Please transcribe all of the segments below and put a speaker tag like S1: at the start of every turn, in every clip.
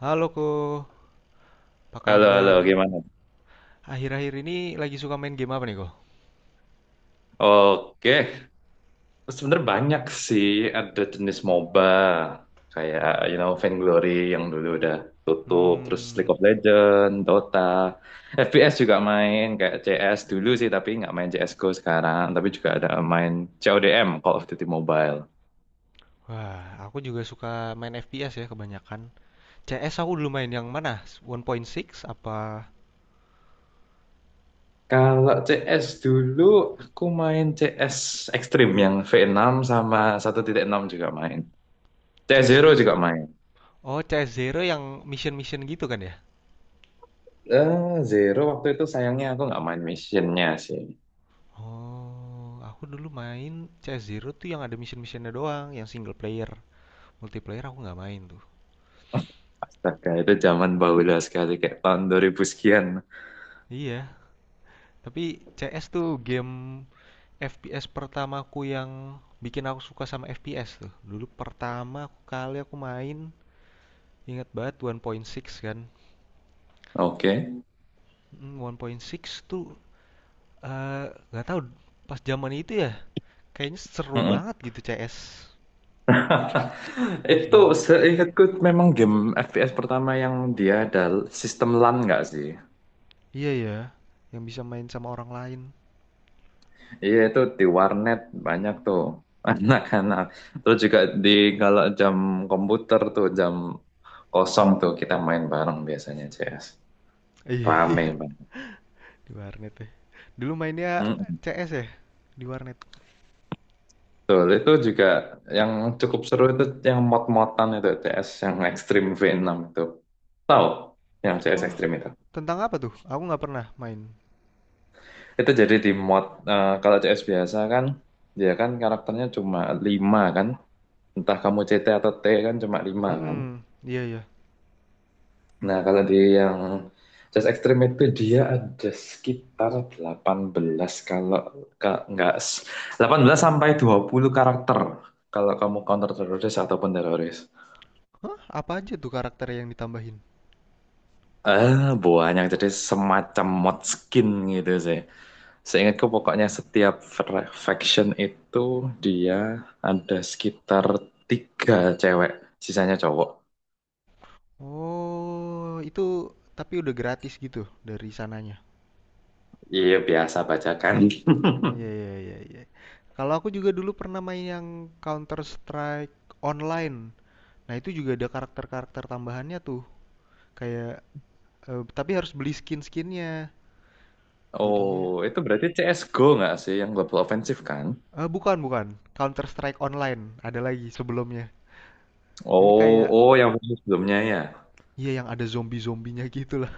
S1: Halo Ko, apa
S2: Halo,
S1: kabar?
S2: halo, gimana?
S1: Akhir-akhir ini lagi suka main game apa nih Ko?
S2: Oke, sebenarnya banyak sih ada jenis MOBA kayak Vainglory yang dulu udah tutup, terus
S1: Hmm,
S2: League of Legends, Dota, FPS juga main kayak CS dulu sih tapi nggak main CS:GO sekarang, tapi juga ada main CODM, Call of Duty Mobile.
S1: wah, aku juga suka main FPS ya kebanyakan. CS aku dulu main yang mana? 1.6 apa
S2: Kalau CS dulu aku main CS Extreme yang V6 sama 1.6 juga main. CS
S1: CS
S2: Zero juga
S1: Extreme?
S2: main.
S1: Oh, CS Zero yang mission-mission gitu kan ya?
S2: eh Zero waktu itu sayangnya aku nggak main missionnya sih.
S1: Oh, aku dulu main CS Zero tuh yang ada mission-missionnya doang, yang single player. Multiplayer aku nggak main tuh.
S2: Astaga, itu zaman baula sekali kayak tahun dua ribu sekian.
S1: Iya, tapi CS tuh game FPS pertamaku yang bikin aku suka sama FPS tuh. Dulu pertama kali aku main, ingat banget 1.6 kan.
S2: Oke.
S1: 1.6 tuh eh, nggak tahu pas zaman itu ya, kayaknya seru
S2: Mm-mm.
S1: banget gitu CS.
S2: Itu
S1: Dan
S2: seingatku memang game FPS pertama yang dia ada sistem LAN nggak sih?
S1: iya ya, yang bisa main sama orang lain.
S2: Iya itu di warnet banyak tuh anak-anak. Terus juga di kalau jam komputer tuh jam kosong tuh kita main bareng biasanya CS.
S1: Iya,
S2: Rame
S1: iya di warnet ya. Dulu mainnya
S2: banget.
S1: CS ya di warnet.
S2: Betul, itu juga yang cukup seru itu yang mod-modan itu CS yang Extreme V6 itu. Tahu yang CS
S1: Oh,
S2: Extreme itu.
S1: tentang apa tuh? Aku nggak pernah main.
S2: Itu jadi di mod kalau CS biasa kan dia kan karakternya cuma 5 kan. Entah kamu CT atau T kan cuma 5 kan.
S1: Hmm, iya ya.
S2: Nah, kalau di yang CS Extreme itu dia ada sekitar 18 kalau ka- nggak s- 18 sampai 20 karakter kalau kamu counter teroris ataupun teroris.
S1: Hah, apa aja tuh karakter yang ditambahin?
S2: Buahnya jadi semacam mod skin gitu sih. Seingatku pokoknya setiap faction itu dia ada sekitar tiga cewek, sisanya cowok.
S1: Oh, itu tapi udah gratis gitu dari sananya?
S2: Iya biasa bacakan.
S1: Iya, iya, iya, iya. Kalau aku juga dulu pernah main yang Counter Strike online. Nah, itu juga ada karakter-karakter tambahannya tuh. Kayak tapi harus beli skin-skinnya. Jadinya
S2: Oh itu berarti CSGO nggak sih yang global offensive kan?
S1: eh bukan, bukan. Counter Strike online ada lagi sebelumnya. Ini
S2: Oh
S1: kayak,
S2: oh yang versi sebelumnya ya.
S1: iya, yang ada zombie-zombinya gitu lah.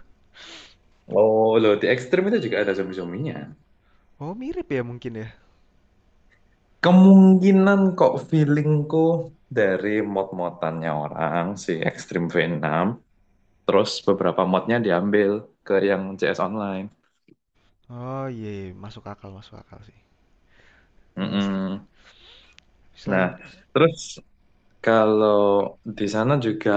S2: Oh loh di ekstrim itu juga ada zombie-zombinya.
S1: Oh, mirip ya mungkin ya.
S2: Kemungkinan kok feelingku dari mod-modannya orang si Extreme V6 terus beberapa modnya diambil ke yang CS Online.
S1: Oh, iya, iya. Masuk akal sih. Eh, s-
S2: Mm-mm. Nah,
S1: selain
S2: terus kalau di sana juga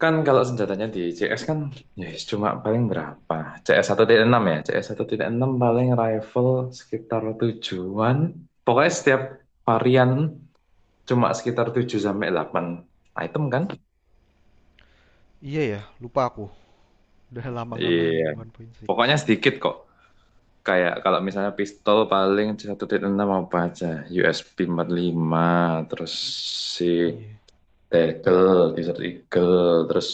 S2: kan kalau senjatanya di CS kan ya yes, cuma paling berapa? CS enam ya, CS enam paling
S1: Mm,
S2: rifle sekitar tujuan. Pokoknya setiap varian cuma sekitar 7 sampai 8 item kan?
S1: Iya ya, lupa aku. Udah lama nggak main
S2: Iya, pokoknya
S1: 1.6.
S2: sedikit kok. Kayak kalau misalnya pistol paling 1.6 apa aja? USB 45, terus si
S1: Iya.
S2: Tegel, Desert Eagle, terus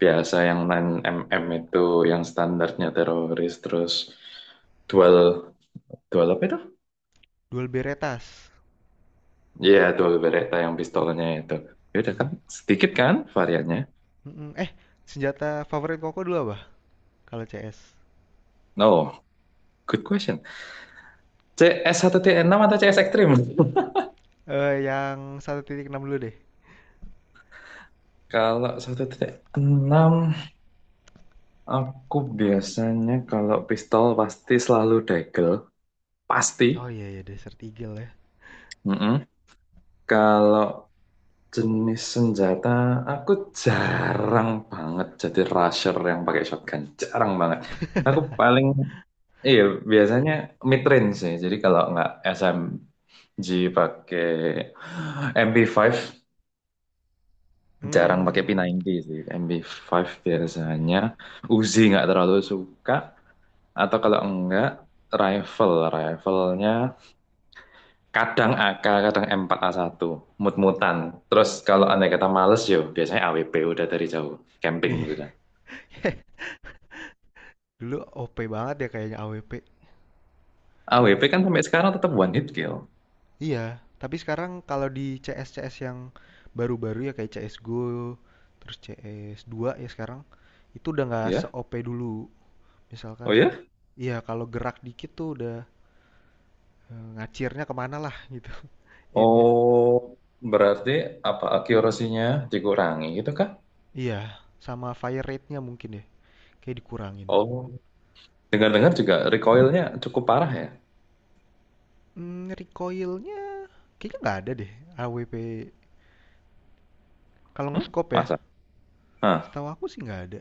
S2: biasa yang 9 mm itu yang standarnya teroris, terus dual, dual apa itu?
S1: Duel Beretas.
S2: Iya, dual Beretta yang pistolnya itu. Ya udah kan,
S1: Iya.
S2: sedikit kan variannya?
S1: Mm-mm. Senjata favorit Koko dulu apa? Kalau CS.
S2: No, good question. C-1T-6 CS 1.6 atau CS Extreme?
S1: Yang 1.6 dulu deh.
S2: Kalau 1.6 aku biasanya kalau pistol pasti selalu dagel, pasti.
S1: Oh, iya, iya, Desert Eagle ya.
S2: Mm-mm. Kalau jenis senjata aku jarang banget jadi rusher yang pakai shotgun, jarang banget. Aku paling iya biasanya mid range sih. Jadi kalau nggak SMG pakai MP5 jarang pakai p
S1: Hmm,
S2: sembilan puluh sih. MP5
S1: P5.
S2: biasanya Uzi nggak terlalu suka atau kalau enggak rifle, riflenya kadang AK, kadang M4A1, satu mutan. Terus kalau andai kata males
S1: Sap-
S2: yo, biasanya AWP udah dari jauh, camping
S1: Iya.
S2: sudah.
S1: Dulu OP banget ya kayaknya AWP.
S2: AWP kan sampai sekarang tetap one hit kill,
S1: Iya, tapi sekarang kalau di CS CS yang baru-baru ya kayak CS:GO, terus cs dua ya sekarang itu udah nggak
S2: ya?
S1: se-OP dulu.
S2: Oh
S1: Misalkan,
S2: ya?
S1: iya, kalau gerak dikit tuh udah ngacirnya kemana lah gitu aimnya.
S2: Oh, berarti apa akurasinya dikurangi gitu kah?
S1: Iya, sama fire rate-nya mungkin ya, kayak dikurangin.
S2: Oh, dengar-dengar juga recoilnya cukup parah ya?
S1: Hmm, recoil-nya kayaknya nggak ada deh AWP. Kalau
S2: Hmm?
S1: nge-scope ya,
S2: Masa? Hah.
S1: setahu aku sih nggak ada.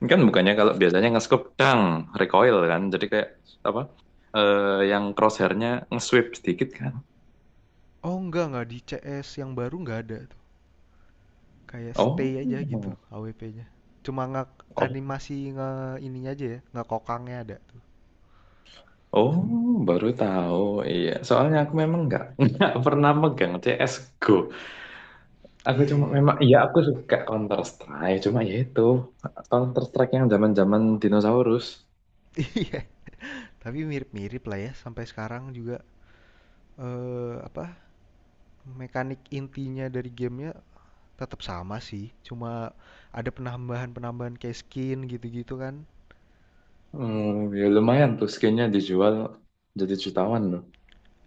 S2: Ini kan
S1: Jadi,
S2: bukannya kalau biasanya nge-scope dang, recoil kan. Jadi kayak apa? Yang crosshairnya nge-sweep sedikit kan?
S1: oh, nggak di CS yang baru nggak ada tuh. Kayak stay aja gitu AWP-nya. Cuma nggak
S2: Oh,
S1: animasi nge ininya aja ya, nggak kokangnya ada tuh.
S2: oh, baru tahu. Iya, soalnya aku memang nggak nggak pernah megang CS:GO. Aku
S1: Iya,
S2: cuma
S1: iya.
S2: memang, iya aku suka Counter Strike. Cuma ya itu Counter Strike yang zaman-zaman dinosaurus.
S1: Iya, tapi mirip-mirip lah ya sampai sekarang juga apa mekanik intinya dari gamenya tetap sama sih, cuma ada penambahan-penambahan kayak skin gitu-gitu kan.
S2: Hmm, ya lumayan tuh skinnya dijual jadi jutawan loh.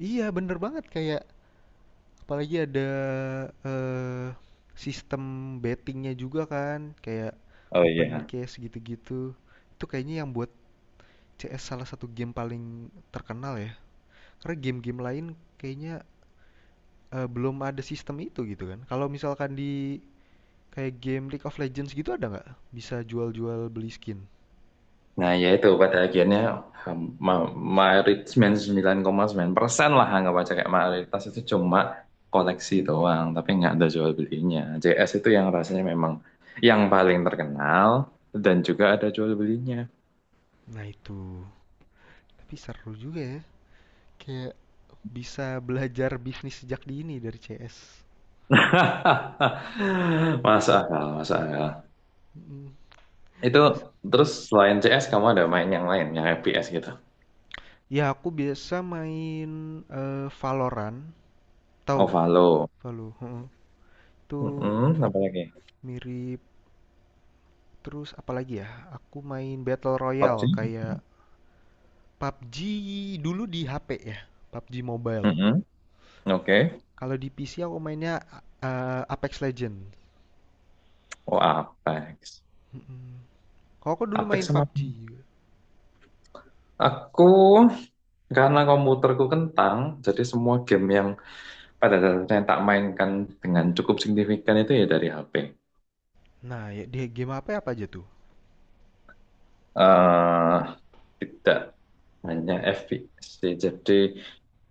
S1: Iya, bener banget kayak apalagi ada eh, sistem bettingnya juga kan, kayak
S2: Oh
S1: open
S2: iya.
S1: case gitu-gitu. Itu kayaknya yang buat CS salah satu game paling terkenal ya. Karena game-game lain kayaknya belum ada sistem itu gitu kan. Kalau misalkan di kayak game League of Legends gitu ada nggak? Bisa jual-jual beli skin.
S2: Nah, ya itu pada akhirnya ham- ma- mayoritas 9,9% lah anggap aja kayak mayoritas itu cuma koleksi doang, tapi nggak ada jual belinya. JS itu yang rasanya memang yang paling terkenal dan juga ada jual belinya.
S1: Nah itu. Tapi seru juga ya. Kayak bisa belajar bisnis sejak dini dari CS.
S2: Masuk akal, masuk akal.
S1: Mm.
S2: Itu
S1: Terus
S2: terus selain CS kamu ada main yang lain, yang FPS gitu.
S1: ya aku biasa main Valorant. Tahu?
S2: Ovalo.
S1: Valo. Heeh. Itu
S2: Mm-mm, apa lagi?
S1: mirip. Terus apalagi ya? Aku main Battle Royale
S2: PUBG.
S1: kayak PUBG dulu di HP ya. PUBG Mobile.
S2: Mm-mm, oke.
S1: Kalau di PC aku mainnya Apex Legends.
S2: Oh, Apex.
S1: Mm-mm. Kalau aku dulu main
S2: Apex sama
S1: PUBG juga.
S2: aku. Karena komputerku kentang, jadi semua game yang pada dasarnya tak mainkan dengan cukup signifikan itu ya dari HP.
S1: Nah, ya, di game apa apa aja tuh?
S2: eh tidak hanya FPS sih. Jadi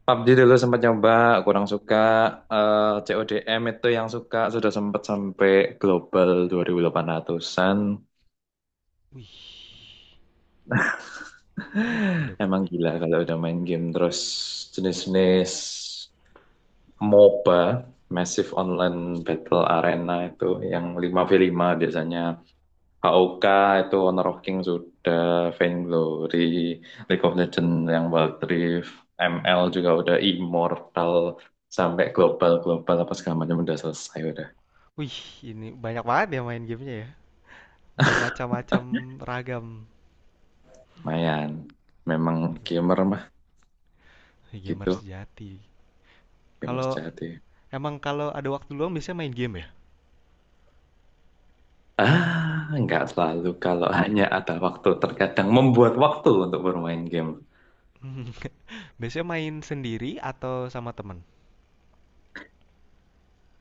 S2: PUBG dulu sempat nyoba, kurang suka. CODM itu yang suka, sudah sempat sampai global 2800-an.
S1: Wih, udah.
S2: Emang gila kalau udah main game. Terus jenis-jenis MOBA, Massive Online Battle Arena itu yang 5v5 biasanya. AOK itu Honor of King sudah, Vainglory, League of Legends yang Wild Rift, ML juga udah Immortal, sampai global-global apa segala macam udah selesai udah.
S1: Wih, ini banyak banget ya main gamenya ya. Bermacam-macam ragam.
S2: Lumayan. Memang gamer mah
S1: Wih, gamer
S2: gitu,
S1: sejati.
S2: gamer
S1: Kalau
S2: sejati.
S1: emang kalau ada waktu luang biasanya main game ya?
S2: Ah, nggak selalu kalau hanya ada waktu, terkadang membuat waktu untuk bermain game.
S1: Biasanya main sendiri atau sama temen?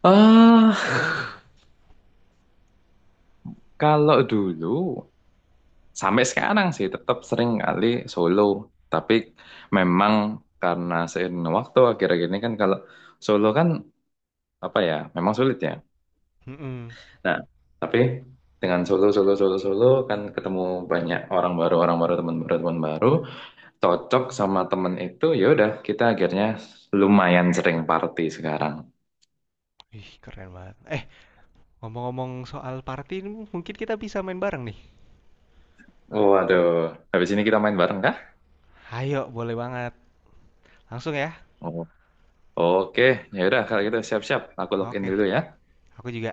S2: Ah, kalau dulu sampai sekarang sih tetap sering kali solo, tapi memang karena seiring waktu akhir-akhir ini kan kalau solo kan apa ya, memang sulit ya.
S1: Mm-mm.
S2: Nah, tapi dengan solo solo solo solo kan ketemu banyak orang baru, teman baru, teman baru, cocok sama temen itu ya udah kita akhirnya lumayan sering party sekarang.
S1: Ih, keren banget. Ngomong-ngomong soal party, ini mungkin kita bisa main bareng nih.
S2: Waduh, habis ini kita main bareng kah?
S1: Ayo, boleh banget. Langsung ya.
S2: Oh, oke, ya udah kalau gitu siap-siap aku login
S1: Oke,
S2: dulu ya.
S1: aku juga.